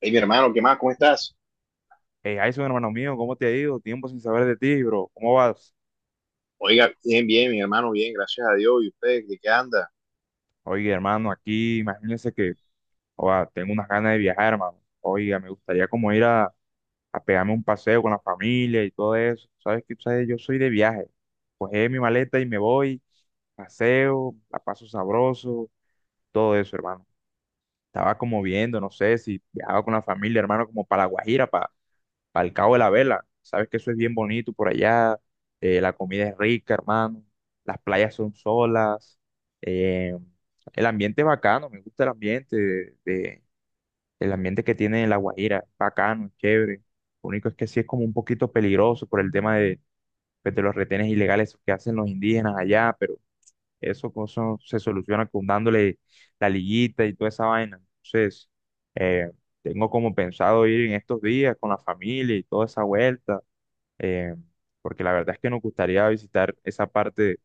Hey, mi hermano, ¿qué más? ¿Cómo estás? Hey, Jason, hermano mío, ¿cómo te ha ido? Tiempo sin saber de ti, bro. ¿Cómo vas? Oiga, bien, bien, mi hermano, bien, gracias a Dios. ¿Y usted, de qué anda? Oye, hermano, aquí imagínense que oa, tengo unas ganas de viajar, hermano. Oiga, me gustaría como ir a pegarme un paseo con la familia y todo eso. ¿Sabes qué? ¿Sabes? Yo soy de viaje. Cogí mi maleta y me voy, paseo, la paso sabroso, todo eso, hermano. Estaba como viendo, no sé si viajaba con la familia, hermano, como para La Guajira, al Cabo de la Vela. Sabes que eso es bien bonito por allá. La comida es rica, hermano. Las playas son solas. eh, el ambiente es bacano. Me gusta el ambiente el ambiente que tiene La Guajira. Es bacano, es chévere. Lo único es que sí es como un poquito peligroso por el tema de, pues, de los retenes ilegales que hacen los indígenas allá, pero eso se soluciona con dándole la liguita y toda esa vaina. Entonces, eh, tengo como pensado ir en estos días con la familia y toda esa vuelta, eh, porque la verdad es que nos gustaría visitar esa parte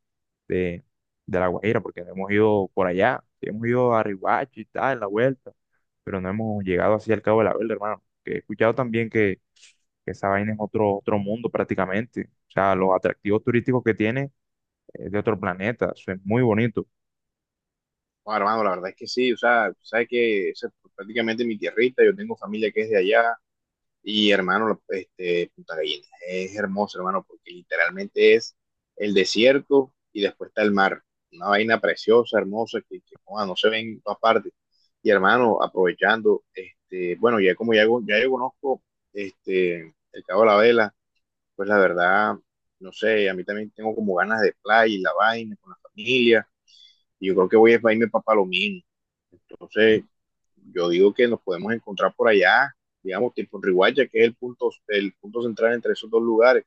de, de La Guajira, porque no hemos ido por allá, sí hemos ido a Riohacha y tal, en la vuelta, pero no hemos llegado así al Cabo de la Verde, hermano. Que he escuchado también que esa vaina es otro, otro mundo prácticamente, o sea, los atractivos turísticos que tiene es de otro planeta, eso es muy bonito. Bueno, hermano, la verdad es que sí, o sea, sabes que esa es prácticamente mi tierrita, yo tengo familia que es de allá, y hermano, Punta Gallinas es hermoso, hermano, porque literalmente es el desierto y después está el mar, una vaina preciosa, hermosa, que joda, no se ven en todas partes. Y hermano, aprovechando, este, bueno, ya yo conozco el Cabo de la Vela, pues la verdad, no sé, a mí también tengo como ganas de playa y la vaina con la familia, y yo creo que voy a irme para Palomino. Entonces, yo digo que nos podemos encontrar por allá, digamos, tipo en Riguacha, que es el punto, central entre esos dos lugares.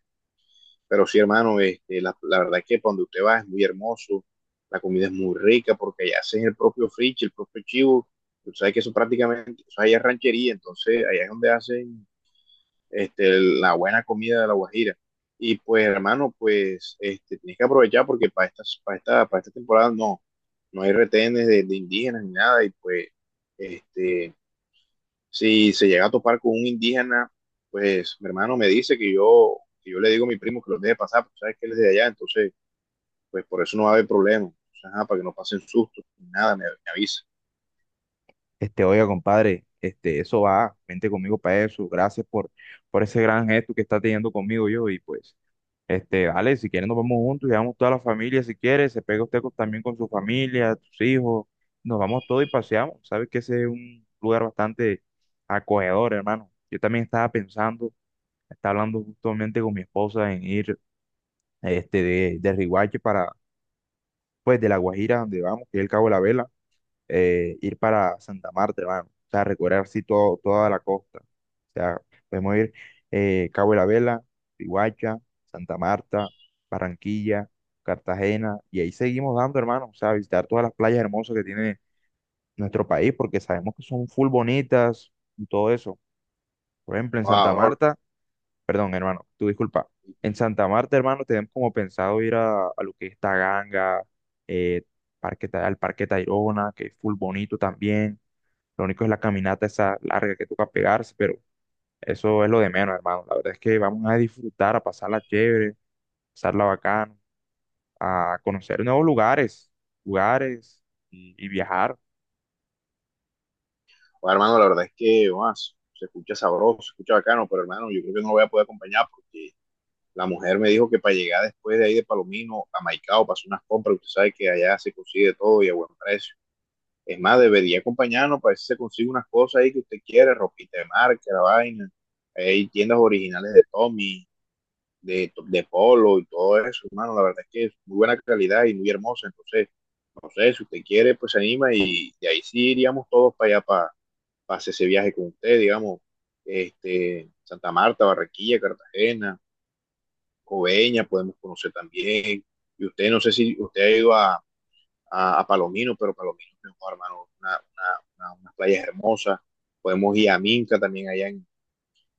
Pero sí, hermano, la verdad es que para donde usted va es muy hermoso, la comida es muy rica, porque allá hacen el propio friche, el propio chivo. Tú sabes que eso prácticamente, eso allá es ranchería, entonces allá es donde hacen la buena comida de la Guajira. Y pues, hermano, pues, tienes que aprovechar porque para esta temporada no hay retenes de indígenas ni nada. Y pues, este, si se llega a topar con un indígena, pues, mi hermano me dice que yo le digo a mi primo que los deje pasar, porque sabes que él es de allá, entonces, pues, por eso no va a haber problema. Entonces, ajá, para que no pasen sustos ni nada, me avisa. Este, oiga, compadre, este, eso va, vente conmigo para eso. Gracias por ese gran gesto que está teniendo conmigo yo. Y pues, este, vale, si quieren nos vamos juntos, llevamos toda la familia, si quiere, se pega usted con- también con su familia, tus hijos, nos vamos todos y paseamos. Sabes que ese es un lugar bastante acogedor, hermano. Yo también estaba pensando, estaba hablando justamente con mi esposa en ir, este, de Riguache para, pues, de La Guajira, donde vamos, que es el Cabo de la Vela, ir para Santa Marta, hermano. O sea, recorrer así todo, toda la costa. O sea, podemos ir Cabo de la Vela, Riohacha, Santa Marta, Barranquilla, Cartagena, y ahí seguimos dando, hermano. O sea, visitar todas las playas hermosas que tiene nuestro país, porque sabemos que son full bonitas y todo eso. Por ejemplo, en Santa Wow, bro. Marta, perdón, hermano, tú disculpa. En Santa Marta, hermano, tenemos como pensado ir a lo que es Taganga, eh, parque, Ta- al Parque Tayrona, que es full bonito también. Lo único es la caminata esa larga que toca pegarse, pero eso es lo de menos, hermano. La verdad es que vamos a disfrutar, a pasarla chévere, pasarla bacano, a conocer nuevos lugares, lugares y viajar. Wow, hermano, la verdad es que, más se escucha sabroso, se escucha bacano, pero hermano, yo creo que no lo voy a poder acompañar porque la mujer me dijo que para llegar después de ahí de Palomino a Maicao, pasó unas compras, usted sabe que allá se consigue todo y a buen precio. Es más, debería acompañarnos para ver si se consigue unas cosas ahí que usted quiere, ropita de marca, la vaina. Hay tiendas originales de Tommy, de Polo y todo eso, hermano. La verdad es que es muy buena calidad y muy hermosa. Entonces, no sé, si usted quiere, pues se anima y ahí sí iríamos todos para allá, para hacer ese viaje con usted, digamos, Santa Marta, Barranquilla, Cartagena, Coveña podemos conocer también. Y usted, no sé si usted ha ido a Palomino, pero Palomino es mejor, hermano, unas playas hermosas. Podemos ir a Minca también allá en,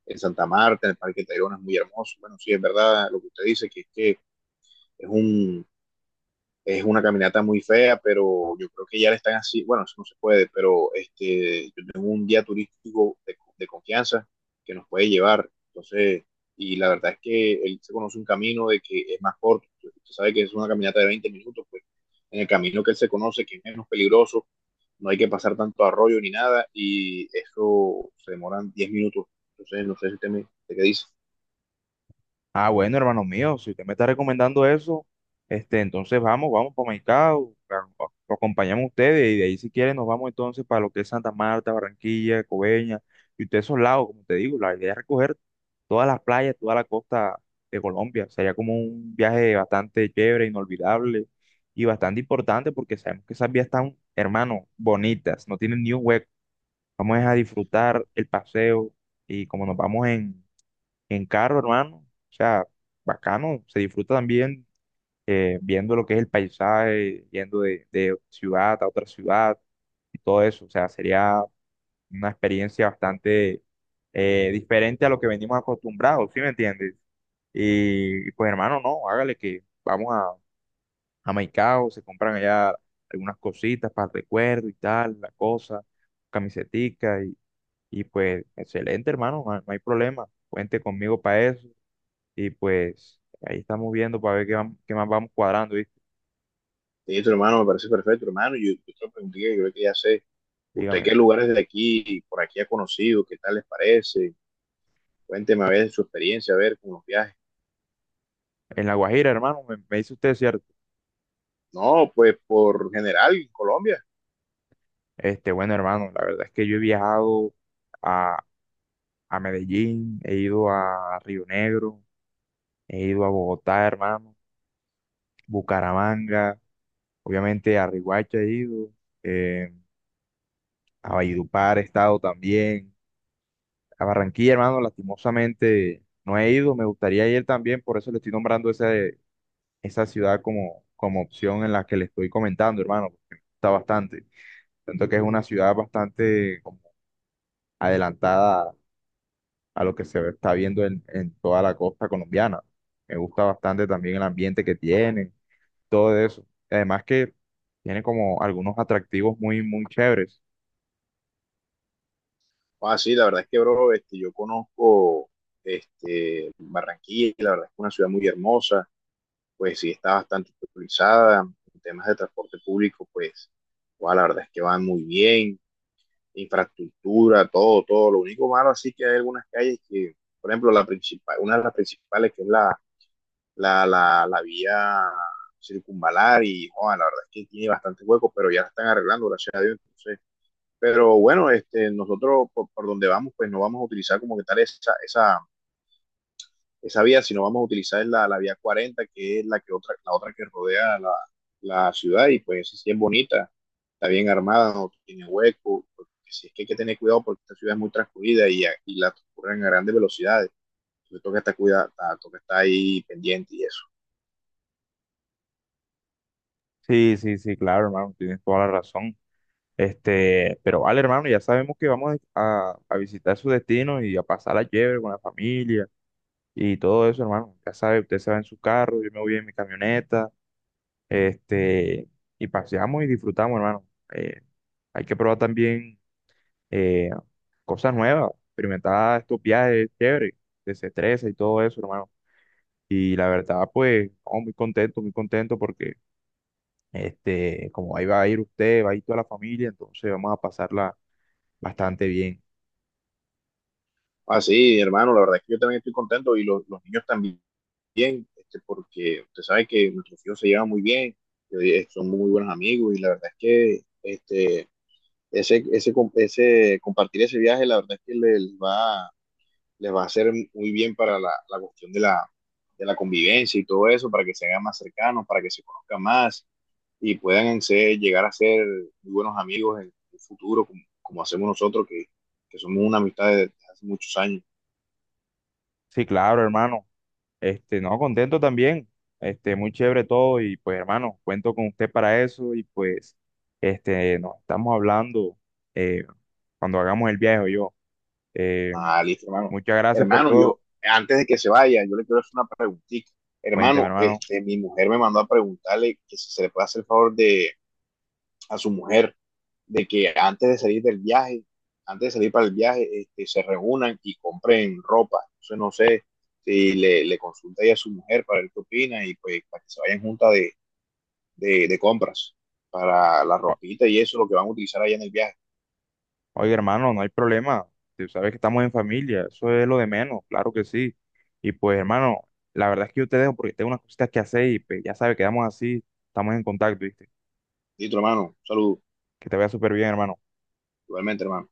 en Santa Marta, en el Parque Tayrona es muy hermoso. Bueno, sí, es verdad lo que usted dice, que es que es un, es una caminata muy fea, pero yo creo que ya le están así, bueno, eso no se puede, pero yo tengo un guía turístico de confianza que nos puede llevar, entonces, y la verdad es que él se conoce un camino de que es más corto, usted sabe que es una caminata de 20 minutos, pues en el camino que él se conoce, que es menos peligroso, no hay que pasar tanto arroyo ni nada, y eso se demoran 10 minutos, entonces, no sé si usted, usted qué dice. Ah, bueno, hermano mío, si usted me está recomendando eso, este, entonces vamos, vamos para Maicao, a- lo acompañamos a ustedes y de ahí si quieren nos vamos entonces para lo que es Santa Marta, Barranquilla, Coveña y ustedes esos lados, como te digo, la idea es recoger todas las playas, toda la costa de Colombia. Sería como un viaje bastante chévere, inolvidable y bastante importante porque sabemos que esas vías están, hermano, bonitas, no tienen ni un hueco. Vamos a disfrutar el paseo y como nos vamos en carro, hermano, o sea, bacano, se disfruta también viendo lo que es el paisaje, yendo de ciudad a otra ciudad y todo eso. O sea, sería una experiencia bastante diferente a lo que venimos acostumbrados, ¿sí me entiendes? Y pues hermano, no, hágale que vamos a Maicao, se compran allá algunas cositas para el recuerdo y tal, la cosa, camisetica y pues excelente hermano, no, hay no hay problema, cuente conmigo para eso y pues ahí estamos viendo para ver qué, vam- qué más vamos cuadrando, ¿viste? Listo, hermano, me parece perfecto, hermano. Yo te lo pregunté, yo creo que ya sé. ¿Usted qué Dígame, lugares de aquí, por aquí ha conocido? ¿Qué tal les parece? Cuénteme a ver su experiencia, a ver con los viajes. en La Guajira hermano, me dice usted, ¿cierto? No, pues por general, en Colombia. Este, bueno hermano, la verdad es que yo he viajado a Medellín, he ido a Río Negro, he ido a Bogotá, hermano, Bucaramanga, obviamente a Riohacha he ido, eh, a Valledupar he estado también, a Barranquilla, hermano, lastimosamente no he ido, me gustaría ir también, por eso le estoy nombrando esa, esa ciudad como, como opción en la que le estoy comentando, hermano, porque me gusta bastante. Tanto que es una ciudad bastante como adelantada a lo que se está viendo en toda la costa colombiana. Me gusta bastante también el ambiente que tiene, todo eso. Además que tiene como algunos atractivos muy, muy chéveres. Ah, sí, la verdad es que, bro, yo conozco Barranquilla, y la verdad es que es una ciudad muy hermosa, pues sí, está bastante utilizada. En temas de transporte público, pues, guau, la verdad es que van muy bien. Infraestructura, todo, todo. Lo único malo así que hay algunas calles que, por ejemplo, la principal, una de las principales que es la, la vía circunvalar y joder, la verdad es que tiene bastante hueco, pero ya la están arreglando, gracias a Dios. Entonces, pero bueno, nosotros donde vamos, pues no vamos a utilizar como que tal esa, esa vía, si no vamos a utilizar es la, vía 40, que es la que otra, la otra que rodea la, la ciudad, y pues esa sí es bonita, está bien armada, no tiene hueco, porque si es que hay que tener cuidado porque esta ciudad es muy transcurrida y la transcurren a grandes velocidades, entonces toca estar, cuidado, toca estar ahí pendiente y eso. Sí, sí, sí, claro, hermano, tienes toda la razón. Este, pero vale, hermano, ya sabemos que vamos a visitar su destino y a pasar la chévere con la familia y todo eso, hermano. Ya sabe, usted se va en su carro, yo me voy en mi camioneta, este, y paseamos y disfrutamos, hermano. Eh, Hay que probar también eh, cosas nuevas, experimentar estos viajes chéveres, desestresa y todo eso, hermano. Y la verdad, pues, no, muy contento porque, este, como ahí va a ir usted, va a ir toda la familia, entonces vamos a pasarla bastante bien. Ah, sí, hermano, la verdad es que yo también estoy contento y los niños también, porque usted sabe que nuestros hijos se llevan muy bien, son muy buenos amigos y la verdad es que ese compartir ese viaje, la verdad es que les va a hacer muy bien para la, la cuestión de la convivencia y todo eso, para que se hagan más cercanos, para que se conozcan más y puedan ser, llegar a ser muy buenos amigos en el futuro, como hacemos nosotros, que somos una amistad de hace muchos años. Sí, claro, hermano. Este, no, contento también. Este, muy chévere todo y pues, hermano, cuento con usted para eso y pues, este, nos estamos hablando eh, cuando hagamos el viaje o yo. Eh, Ah, listo, hermano. Muchas gracias por Hermano, todo. yo, antes de que se vaya, yo le quiero hacer una preguntita. Cuénteme, Hermano, hermano. Mi mujer me mandó a preguntarle que si se le puede hacer el favor de, a su mujer de que antes de salir del viaje, antes de salir para el viaje, se reúnan y compren ropa. Entonces no sé si le consulta ahí a su mujer para ver qué opina y pues para que se vayan juntas de compras para la ropita y eso, lo que van a utilizar allá en el viaje. Oye, hermano, no hay problema. Tú sabes que estamos en familia, eso es lo de menos, claro que sí. Y pues, hermano, la verdad es que yo te dejo porque tengo unas cositas que hacer y pues, ya sabes, quedamos así, estamos en contacto, ¿viste? Listo, hermano. Saludos. Que te vaya súper bien, hermano. Igualmente, hermano.